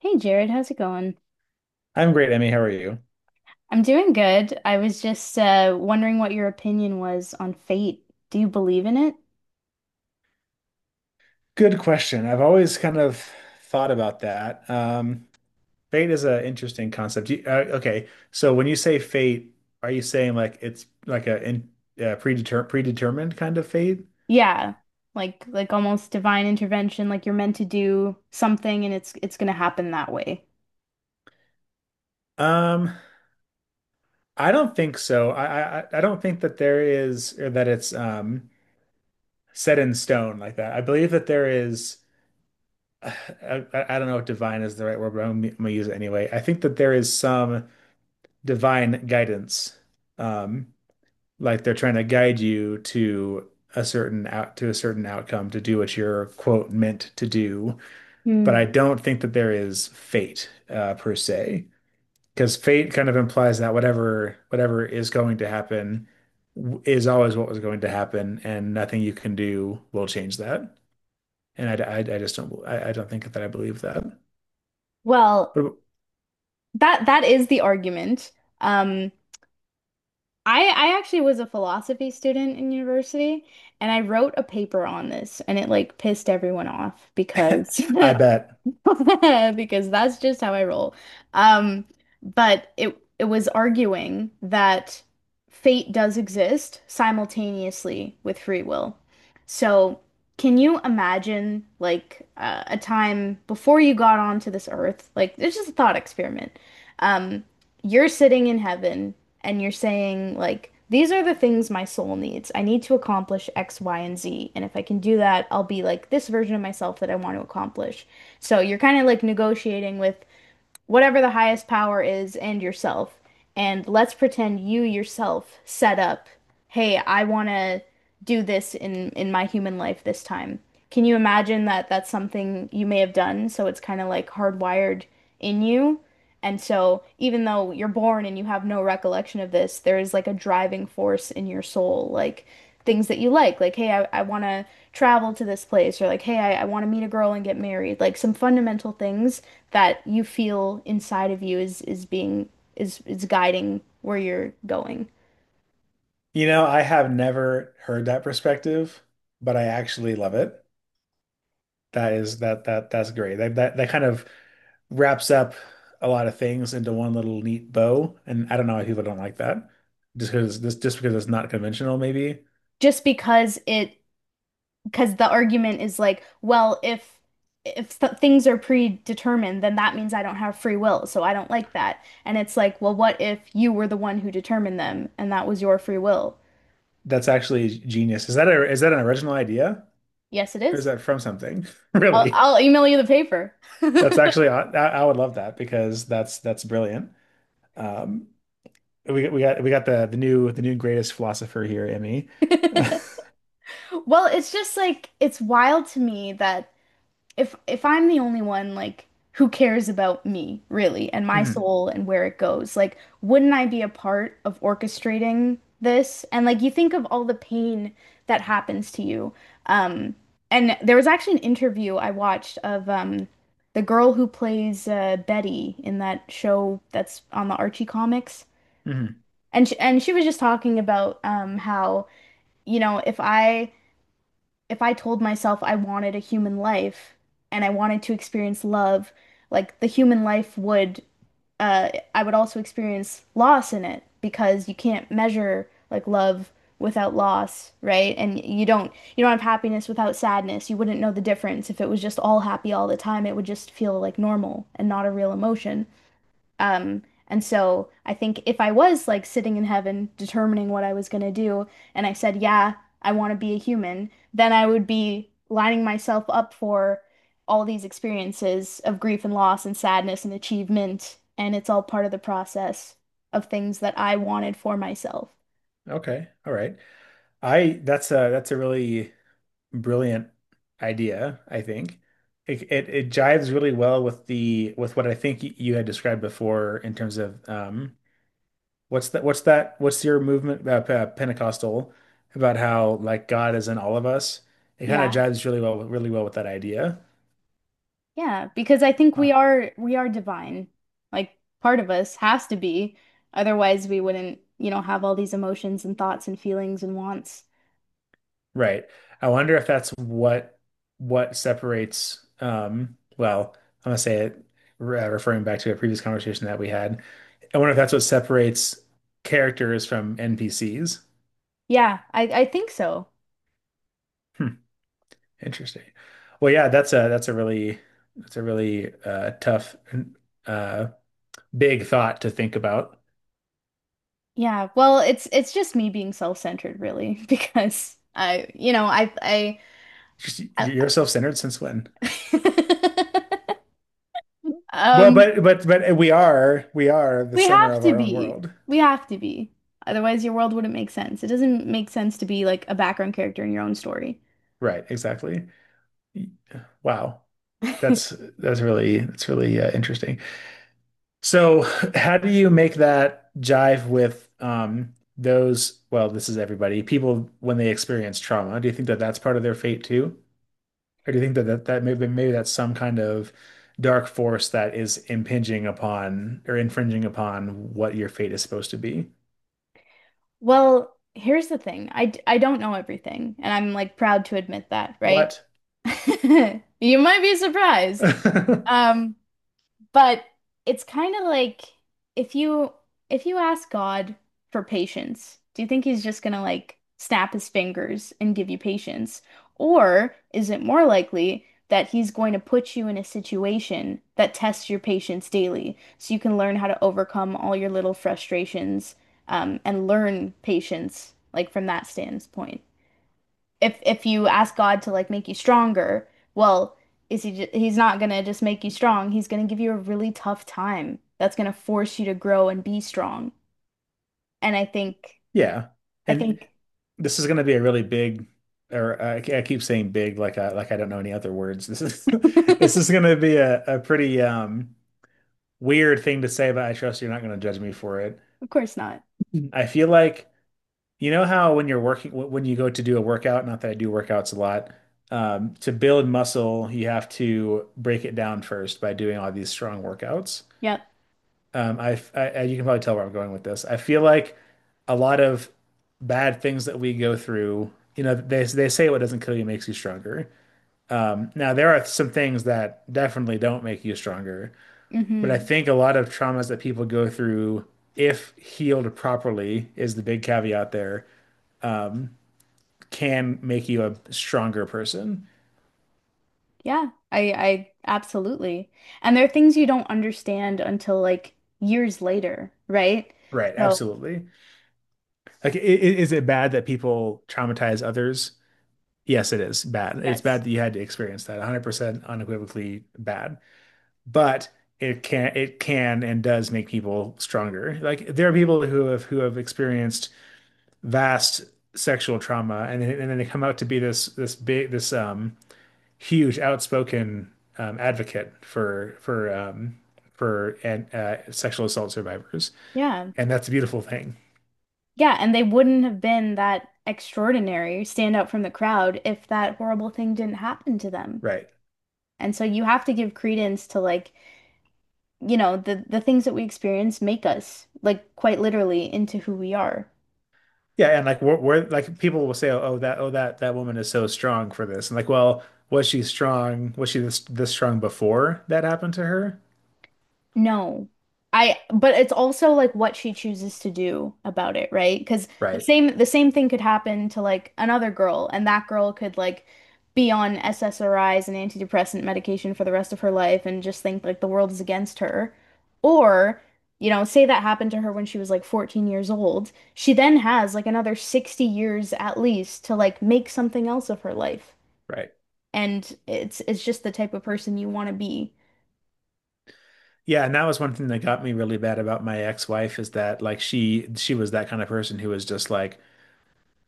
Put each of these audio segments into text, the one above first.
Hey Jared, how's it going? I'm great, Emmy. How are you? I'm doing good. I was just wondering what your opinion was on fate. Do you believe in it? Good question. I've always kind of thought about that. Fate is an interesting concept. Okay, so when you say fate, are you saying like it's like a in, predeter predetermined kind of fate? Yeah, like almost divine intervention, like you're meant to do something and it's gonna happen that way. Um, I don't think so. I don't think that there is or that it's set in stone like that. I believe that there is. I don't know if divine is the right word, but I'm gonna use it anyway. I think that there is some divine guidance, um, like they're trying to guide you to a certain out to a certain outcome to do what you're quote meant to do. But Hmm. I don't think that there is fate per se, because fate kind of implies that whatever is going to happen is always what was going to happen, and nothing you can do will change that. And I don't think that I believe that. Well, What, that is the argument. Um, I actually was a philosophy student in university and I wrote a paper on this and it like pissed everyone off because I bet. because that's just how I roll. Um, but it was arguing that fate does exist simultaneously with free will. So, can you imagine like a time before you got onto this earth? Like, it's just a thought experiment. Um, you're sitting in heaven and you're saying, like, these are the things my soul needs. I need to accomplish X, Y, and Z. And if I can do that, I'll be like this version of myself that I want to accomplish. So you're kind of like negotiating with whatever the highest power is and yourself. And let's pretend you yourself set up, hey, I want to do this in my human life this time. Can you imagine that that's something you may have done? So it's kind of like hardwired in you. And so even though you're born and you have no recollection of this, there is like a driving force in your soul, like things that you like, hey, I want to travel to this place, or like, hey, I want to meet a girl and get married, like some fundamental things that you feel inside of you is being is guiding where you're going. You know, I have never heard that perspective, but I actually love it. That is that's great. That kind of wraps up a lot of things into one little neat bow. And I don't know why people don't like that. Just because it's not conventional, maybe. Just because it because the argument is like, well, if th things are predetermined, then that means I don't have free will, so I don't like that. And it's like, well, what if you were the one who determined them and that was your free will? That's actually genius. Is that an original idea Yes, it or is is. that from something? I'll, Really? I'll email you the paper. That's actually I would love that because that's brilliant. Um, we got the new greatest philosopher here, Emmy. Well, it's just like it's wild to me that if I'm the only one, like who cares about me, really, and my hmm soul and where it goes? Like, wouldn't I be a part of orchestrating this? And like you think of all the pain that happens to you. Um, and there was actually an interview I watched of the girl who plays Betty in that show that's on the Archie comics. hmm And she was just talking about how, you know, if I told myself I wanted a human life and I wanted to experience love, like the human life would, I would also experience loss in it because you can't measure like love without loss, right? And you don't have happiness without sadness. You wouldn't know the difference if it was just all happy all the time. It would just feel like normal and not a real emotion. And so I think if I was like sitting in heaven determining what I was going to do, and I said, yeah, I want to be a human, then I would be lining myself up for all these experiences of grief and loss and sadness and achievement. And it's all part of the process of things that I wanted for myself. Okay. All right. I That's a really brilliant idea, I think. It jives really well with the with what I think you had described before in terms of what's that? What's that? What's your movement Pentecostal about how like God is in all of us? It kind of Yeah. jives really well, really well with that idea. Yeah, because I think we Huh. are we are divine. Like part of us has to be. Otherwise we wouldn't, you know, have all these emotions and thoughts and feelings and wants. Right. I wonder if that's what separates. I'm gonna say it, re referring back to a previous conversation that we had. I wonder if that's what separates characters from NPCs. Yeah, I think so. Hmm, interesting. Well, yeah, that's a really that's a really tough, uh, big thought to think about. Yeah, well, it's just me being self-centered really because I, you know, I I, Just- You're self-centered since when? I Well, um but we are the we center have of to our own be. world. We have to be. Otherwise your world wouldn't make sense. It doesn't make sense to be like a background character in your own story. Right, exactly. Wow. That's that's really interesting. So, how do you make that jive with well, this is everybody, people when they experience trauma. Do you think that that's part of their fate too? Or do you think that maybe that's some kind of dark force that is impinging upon or infringing upon what your fate is supposed to be? Well, here's the thing. I don't know everything, and I'm like proud to admit that, right? What? You might be surprised. Um But it's kind of like if you if you ask God for patience, do you think he's just gonna like snap his fingers and give you patience? Or is it more likely that he's going to put you in a situation that tests your patience daily so you can learn how to overcome all your little frustrations and learn patience like from that standpoint? If you ask God to like make you stronger, well, is he he's not gonna just make you strong. He's gonna give you a really tough time that's gonna force you to grow and be strong. And Yeah. I And think this is going to be a really big, or I keep saying big, like like I don't know any other words. This is, this is going to be a pretty, weird thing to say, but I trust you're not going to judge me for it. of course not. I feel like, you know how when you're working, when you go to do a workout, not that I do workouts a lot, to build muscle, you have to break it down first by doing all these strong workouts. Yep. You can probably tell where I'm going with this. I feel like a lot of bad things that we go through, you know, they say what doesn't kill you makes you stronger. Now there are some things that definitely don't make you stronger, but I Mm-hmm. think a lot of traumas that people go through, if healed properly, is the big caveat there, can make you a stronger person. Yeah. I absolutely. And there are things you don't understand until like years later, right? Right, So, absolutely. Like, is it bad that people traumatize others? Yes, it is bad. It's yes. bad that you had to experience that. 100% unequivocally bad. But it can and does make people stronger. Like there are people who have experienced vast sexual trauma and then they come out to be this huge outspoken advocate for and sexual assault survivors. Yeah. And that's a beautiful thing. Yeah, and they wouldn't have been that extraordinary, stand out from the crowd if that horrible thing didn't happen to them. Right. And so you have to give credence to like, you know, the things that we experience make us like quite literally into who we are. Yeah, and like we're like people will say, oh, that woman is so strong for this, and like, well, was she strong? Was she this strong before that happened to her? No. I but it's also like what she chooses to do about it, right? Because the Right, same the same thing could happen to like another girl, and that girl could like be on SSRIs and antidepressant medication for the rest of her life and just think like the world is against her. Or, you know, say that happened to her when she was like 14 years old. She then has like another 60 years at least to like make something else of her life. right. And it's just the type of person you want to be. Yeah, and that was one thing that got me really bad about my ex-wife is that like she was that kind of person who was just like,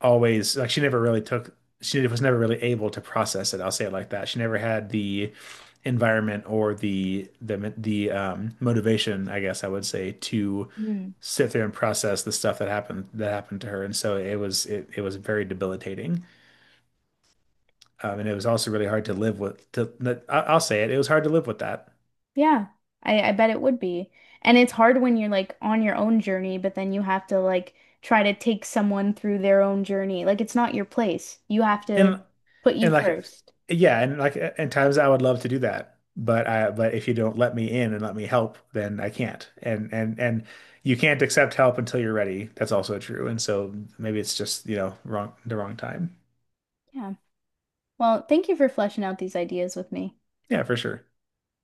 always like she never really took she was never really able to process it. I'll say it like that. She never had the environment or the motivation, I guess I would say, to sit there and process the stuff that happened to her. And so it was very debilitating. And it was also really hard to live with. I'll say it. It was hard to live with that. Yeah, I bet it would be. And it's hard when you're like on your own journey, but then you have to like try to take someone through their own journey. Like it's not your place. You have to And put you and like first. yeah, and like in times I would love to do that. But I but if you don't let me in and let me help, then I can't. And you can't accept help until you're ready. That's also true. And so maybe it's just, you know, wrong the wrong time. Yeah. Well, thank you for fleshing out these ideas with me. Yeah, for sure.